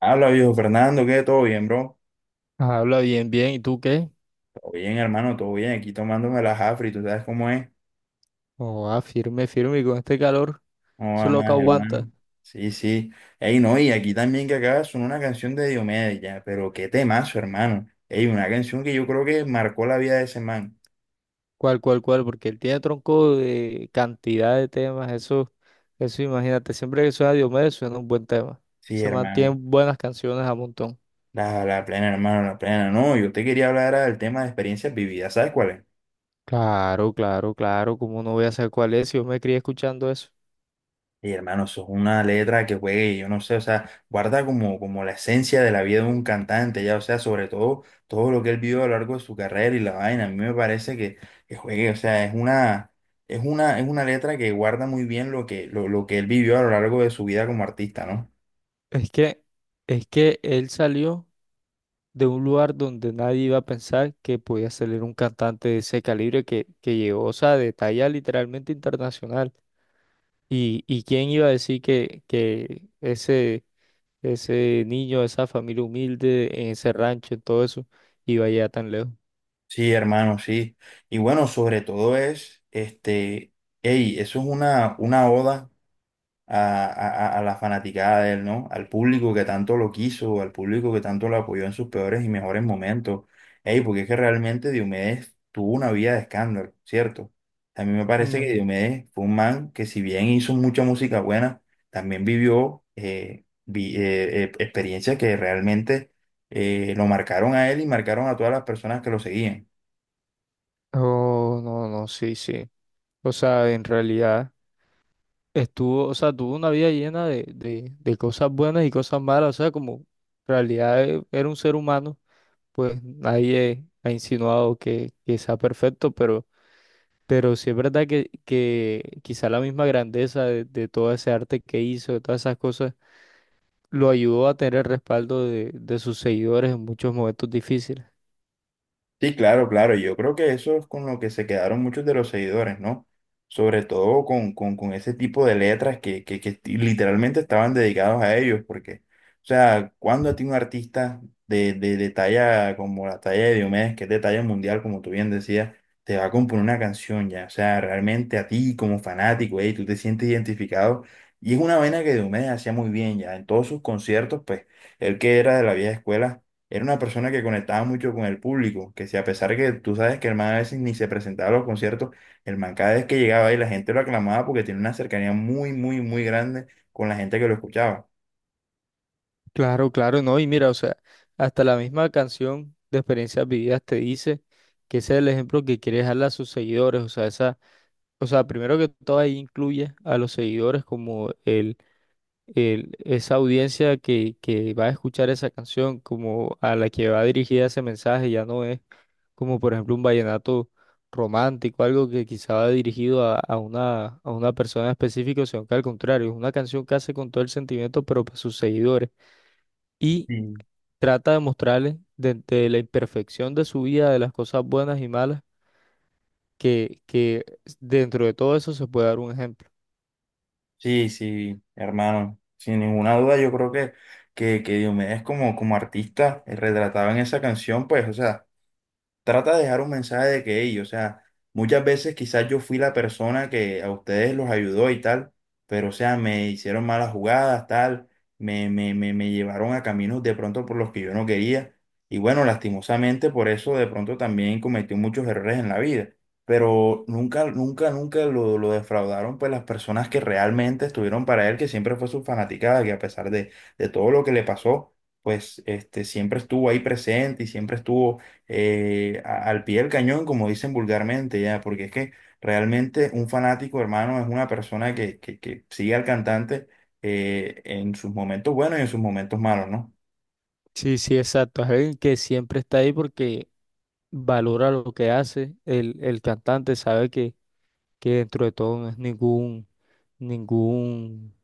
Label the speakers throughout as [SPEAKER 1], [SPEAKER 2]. [SPEAKER 1] Habla, viejo Fernando, ¿qué? ¿Todo bien, bro?
[SPEAKER 2] Habla bien, bien. ¿Y tú qué?
[SPEAKER 1] Todo bien, hermano, todo bien. Aquí tomándome las afri, ¿tú sabes cómo es?
[SPEAKER 2] Oh, ah, firme, firme. Y con este calor,
[SPEAKER 1] ¿No
[SPEAKER 2] eso
[SPEAKER 1] va
[SPEAKER 2] es lo que
[SPEAKER 1] más,
[SPEAKER 2] aguanta.
[SPEAKER 1] hermano? Sí, sí. Ey, no, y aquí también que acaba son una canción de Diomedes, ya, pero qué temazo, hermano. Ey, una canción que yo creo que marcó la vida de ese man.
[SPEAKER 2] Cual, cual, cual. Porque él tiene tronco de cantidad de temas. Eso imagínate. Siempre que suena Diomedes, suena un buen tema.
[SPEAKER 1] Sí,
[SPEAKER 2] Se
[SPEAKER 1] hermano.
[SPEAKER 2] mantienen buenas canciones a montón.
[SPEAKER 1] La plena, hermano, la plena. No, yo te quería hablar era del tema de experiencias vividas, ¿sabes cuál es?
[SPEAKER 2] Claro, claro, claro. ¿Cómo no voy a saber cuál es? Si yo me crié escuchando eso.
[SPEAKER 1] Y hermano, eso es una letra que juegue, yo no sé, o sea, guarda como, como la esencia de la vida de un cantante, ya, o sea, sobre todo todo lo que él vivió a lo largo de su carrera y la vaina, a mí me parece que juegue, o sea, es una, es una letra que guarda muy bien lo que él vivió a lo largo de su vida como artista, ¿no?
[SPEAKER 2] Es que, es que él salió de un lugar donde nadie iba a pensar que podía salir un cantante de ese calibre que llegó, o sea, de talla literalmente internacional. ¿Y quién iba a decir que ese, ese niño, esa familia humilde, en ese rancho, en todo eso, iba allá tan lejos?
[SPEAKER 1] Sí, hermano, sí. Y bueno, sobre todo es, este, hey, eso es una oda a, a la fanaticada de él, ¿no? Al público que tanto lo quiso, al público que tanto lo apoyó en sus peores y mejores momentos. Ey, porque es que realmente Diomedes tuvo una vida de escándalo, ¿cierto? A mí me parece que
[SPEAKER 2] No.
[SPEAKER 1] Diomedes fue un man que si bien hizo mucha música buena, también vivió experiencias que realmente lo marcaron a él y marcaron a todas las personas que lo seguían.
[SPEAKER 2] Oh, no, no, sí, sí. O sea, en realidad estuvo, o sea, tuvo una vida llena de, de cosas buenas y cosas malas. O sea, como en realidad era un ser humano, pues nadie ha insinuado que sea perfecto, pero sí es verdad que quizá la misma grandeza de todo ese arte que hizo, de todas esas cosas lo ayudó a tener el respaldo de sus seguidores en muchos momentos difíciles.
[SPEAKER 1] Sí, claro, claro. Yo creo que eso es con lo que se quedaron muchos de los seguidores, ¿no? Sobre todo con ese tipo de letras que literalmente estaban dedicados a ellos, porque, o sea, cuando a ti un artista de talla como la talla de Diomedes, que es de talla mundial, como tú bien decías, te va a componer una canción ya, o sea, realmente a ti como fanático, ey, tú te sientes identificado, y es una vaina que Diomedes hacía muy bien ya, en todos sus conciertos, pues, él que era de la vieja escuela era una persona que conectaba mucho con el público, que si a pesar que tú sabes que el man a veces ni se presentaba a los conciertos, el man cada vez que llegaba ahí la gente lo aclamaba porque tiene una cercanía muy, muy, muy grande con la gente que lo escuchaba.
[SPEAKER 2] Claro, claro, no. Y mira, o sea, hasta la misma canción de Experiencias Vividas te dice que ese es el ejemplo que quiere dejarle a sus seguidores. O sea, o sea, primero que todo ahí incluye a los seguidores como esa audiencia que va a escuchar esa canción, como a la que va dirigida ese mensaje, ya no es como por ejemplo un vallenato romántico, algo que quizá va dirigido a una persona específica, sino que al contrario, es una canción que hace con todo el sentimiento, pero para sus seguidores. Y
[SPEAKER 1] Sí.
[SPEAKER 2] trata de mostrarles desde la imperfección de su vida, de las cosas buenas y malas, que dentro de todo eso se puede dar un ejemplo.
[SPEAKER 1] Sí, sí, hermano, sin ninguna duda yo creo que Diomedes como, como artista retratado en esa canción, pues, o sea, trata de dejar un mensaje de que ellos, o sea, muchas veces quizás yo fui la persona que a ustedes los ayudó y tal, pero o sea, me hicieron malas jugadas, tal, me, me llevaron a caminos de pronto por los que yo no quería. Y bueno, lastimosamente por eso de pronto también cometí muchos errores en la vida. Pero nunca, nunca, nunca lo, lo defraudaron pues las personas que realmente estuvieron para él, que siempre fue su fanaticada, que a pesar de todo lo que le pasó, pues este, siempre estuvo ahí presente y siempre estuvo al pie del cañón, como dicen vulgarmente, ya, porque es que realmente un fanático, hermano, es una persona que sigue al cantante en sus momentos buenos y en sus momentos malos, ¿no?
[SPEAKER 2] Sí, sí, exacto. Es alguien que siempre está ahí porque valora lo que hace. El cantante sabe que dentro de todo no es ningún, ningún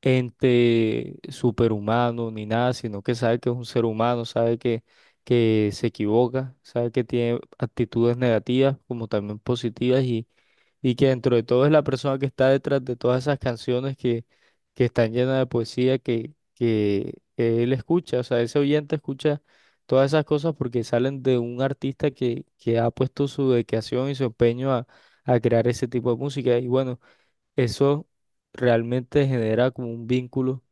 [SPEAKER 2] ente superhumano ni nada, sino que sabe que es un ser humano, sabe que se equivoca, sabe que tiene actitudes negativas como también positivas y que dentro de todo es la persona que está detrás de todas esas canciones que están llenas de poesía que él escucha, o sea, ese oyente escucha todas esas cosas porque salen de un artista que ha puesto su dedicación y su empeño a crear ese tipo de música. Y bueno, eso realmente genera como un vínculo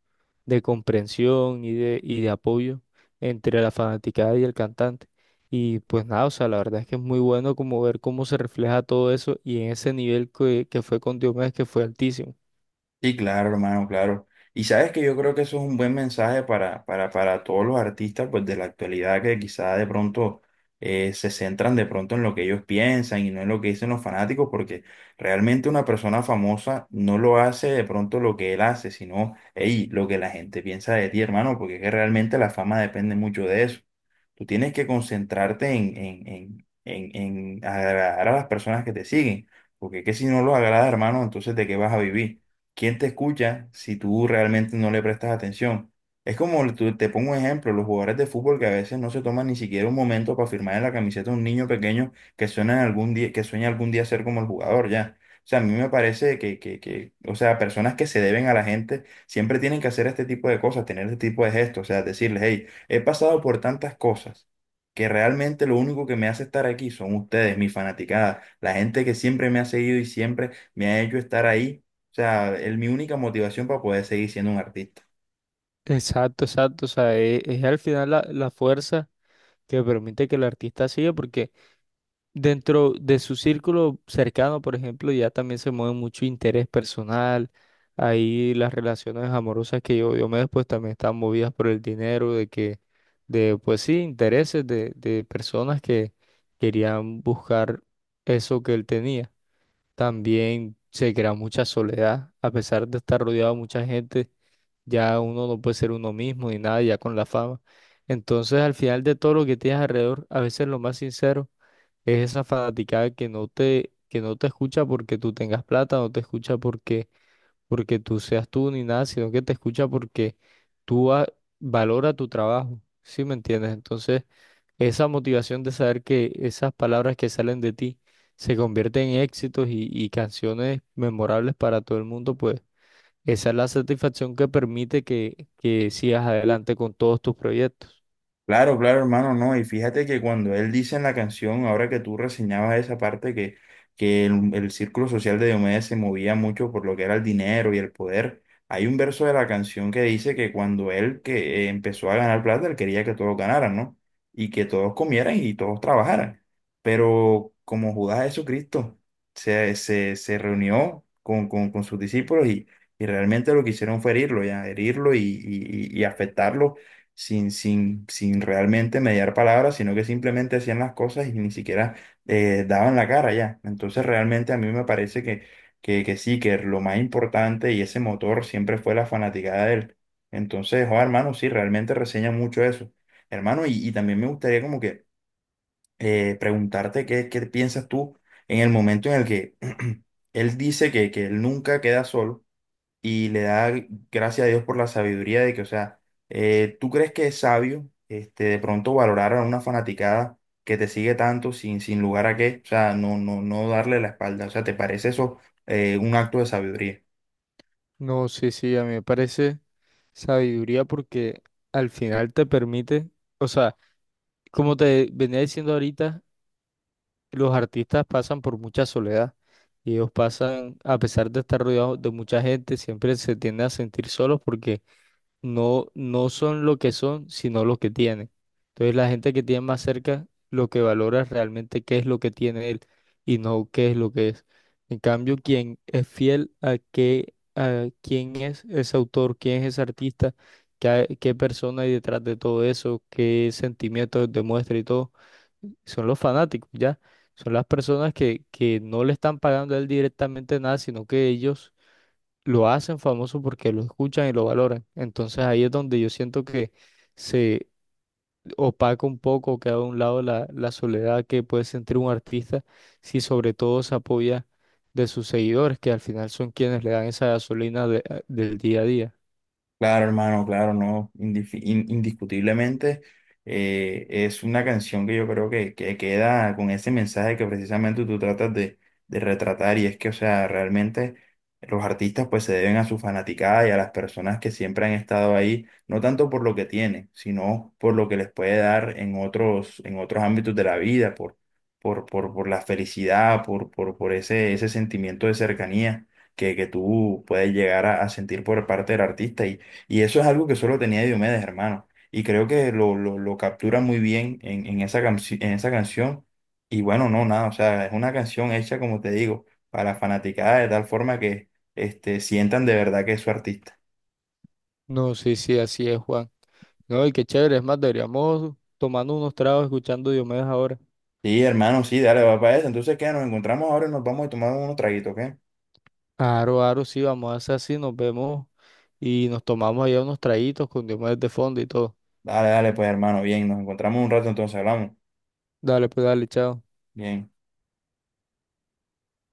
[SPEAKER 2] de comprensión y de apoyo entre la fanaticada y el cantante. Y pues nada, o sea, la verdad es que es muy bueno como ver cómo se refleja todo eso y en ese nivel que fue con Diomedes, que fue altísimo.
[SPEAKER 1] Sí, claro, hermano, claro. Y sabes que yo creo que eso es un buen mensaje para todos los artistas pues, de la actualidad que quizá de pronto se centran de pronto en lo que ellos piensan y no en lo que dicen los fanáticos, porque realmente una persona famosa no lo hace de pronto lo que él hace, sino hey, lo que la gente piensa de ti, hermano, porque es que realmente la fama depende mucho de eso. Tú tienes que concentrarte en agradar a las personas que te siguen, porque es que si no los agrada, hermano, entonces ¿de qué vas a vivir? ¿Quién te escucha si tú realmente no le prestas atención? Es como, tú- te pongo un ejemplo, los jugadores de fútbol que a veces no se toman ni siquiera un momento para firmar en la camiseta a un niño pequeño que sueña algún día, que sueña algún día ser como el jugador, ya. O sea, a mí me parece que, o sea, personas que se deben a la gente siempre tienen que hacer este tipo de cosas, tener este tipo de gestos, o sea, decirles, hey, he pasado por tantas cosas que realmente lo único que me hace estar aquí son ustedes, mi fanaticada, la gente que siempre me ha seguido y siempre me ha hecho estar ahí. O sea, es mi única motivación para poder seguir siendo un artista.
[SPEAKER 2] Exacto, exacto, o sea, es, al final la, la fuerza que permite que el artista siga, porque dentro de su círculo cercano, por ejemplo, ya también se mueve mucho interés personal. Ahí las relaciones amorosas que yo me después pues también están movidas por el dinero, pues sí, intereses de personas que querían buscar eso que él tenía. También se crea mucha soledad, a pesar de estar rodeado de mucha gente, ya uno no puede ser uno mismo ni nada, ya con la fama. Entonces, al final de todo lo que tienes alrededor, a veces lo más sincero es esa fanaticada que no te escucha porque tú tengas plata, no te escucha porque, porque tú seas tú ni nada, sino que te escucha porque tú ha- valora tu trabajo, ¿sí me entiendes? Entonces, esa motivación de saber que esas palabras que salen de ti se convierten en éxitos y canciones memorables para todo el mundo, pues esa es la satisfacción que permite que sigas adelante con todos tus proyectos.
[SPEAKER 1] Claro, claro, hermano, no. Y fíjate que cuando él dice en la canción, ahora que tú reseñabas esa parte, que el círculo social de Diomedes se movía mucho por lo que era el dinero y el poder, hay un verso de la canción que dice que cuando él que empezó a ganar plata, él quería que todos ganaran, ¿no? Y que todos comieran y todos trabajaran. Pero como Judas Jesucristo se reunió con sus discípulos y realmente lo que hicieron fue herirlo, ya, herirlo y, y afectarlo sin, sin, sin realmente mediar palabras, sino que simplemente hacían las cosas y ni siquiera daban la cara ya. Entonces realmente a mí me parece que sí, que lo más importante y ese motor siempre fue la fanaticada de él. Entonces, oh, hermano, sí, realmente reseña mucho eso. Hermano, y también me gustaría como que preguntarte qué, qué piensas tú en el momento en el que él dice que él nunca queda solo y le da gracias a Dios por la sabiduría de que, o sea, ¿tú crees que es sabio este, de pronto valorar a una fanaticada que te sigue tanto sin, sin lugar a qué? O sea, no, no, no darle la espalda. O sea, ¿te parece eso un acto de sabiduría?
[SPEAKER 2] No, sí, sí, a mí me parece. Sabiduría porque al final te permite, o sea, como te venía diciendo ahorita, los artistas pasan por mucha soledad y ellos pasan, a pesar de estar rodeados de mucha gente, siempre se tienden a sentir solos porque no, no son lo que son, sino lo que tienen. Entonces la gente que tiene más cerca lo que valora es realmente qué es lo que tiene él y no qué es lo que es. En cambio, quien es fiel a qué, a quién es ese autor, quién es ese artista, qué, qué persona hay detrás de todo eso, qué sentimientos demuestra y todo, son los fanáticos, ¿ya? Son las personas que no le están pagando a él directamente nada, sino que ellos lo hacen famoso porque lo escuchan y lo valoran. Entonces ahí es donde yo siento que se opaca un poco, queda a un lado la, la soledad que puede sentir un artista si sobre todo se apoya de sus seguidores, que al final son quienes le dan esa gasolina del día a día.
[SPEAKER 1] Claro, hermano, claro, no, indiscutiblemente es una canción que yo creo que queda con ese mensaje que precisamente tú tratas de retratar y es que, o sea, realmente los artistas pues se deben a su fanaticada y a las personas que siempre han estado ahí, no tanto por lo que tienen, sino por lo que les puede dar en otros ámbitos de la vida, por la felicidad, por ese, ese sentimiento de cercanía que tú puedes llegar a sentir por parte del artista. Y eso es algo que solo tenía Diomedes, hermano. Y creo que lo captura muy bien en esa en esa canción. Y bueno, no, nada, o sea, es una canción hecha, como te digo, para la fanaticada de tal forma que este, sientan de verdad que es su artista.
[SPEAKER 2] No, sí, sí, así es, Juan. No, y qué chévere, es más, deberíamos tomando unos tragos, escuchando Diomedes ahora.
[SPEAKER 1] Sí, hermano, sí, dale, va para eso. Entonces, ¿qué? Nos encontramos ahora y nos vamos a tomar unos traguitos, ¿qué?
[SPEAKER 2] Aro, aro, sí, vamos a hacer así, nos vemos y nos tomamos allá unos traguitos con Diomedes de fondo y todo.
[SPEAKER 1] Dale, dale, pues, hermano, bien, nos encontramos un rato, entonces hablamos.
[SPEAKER 2] Dale, pues dale, chao.
[SPEAKER 1] Bien.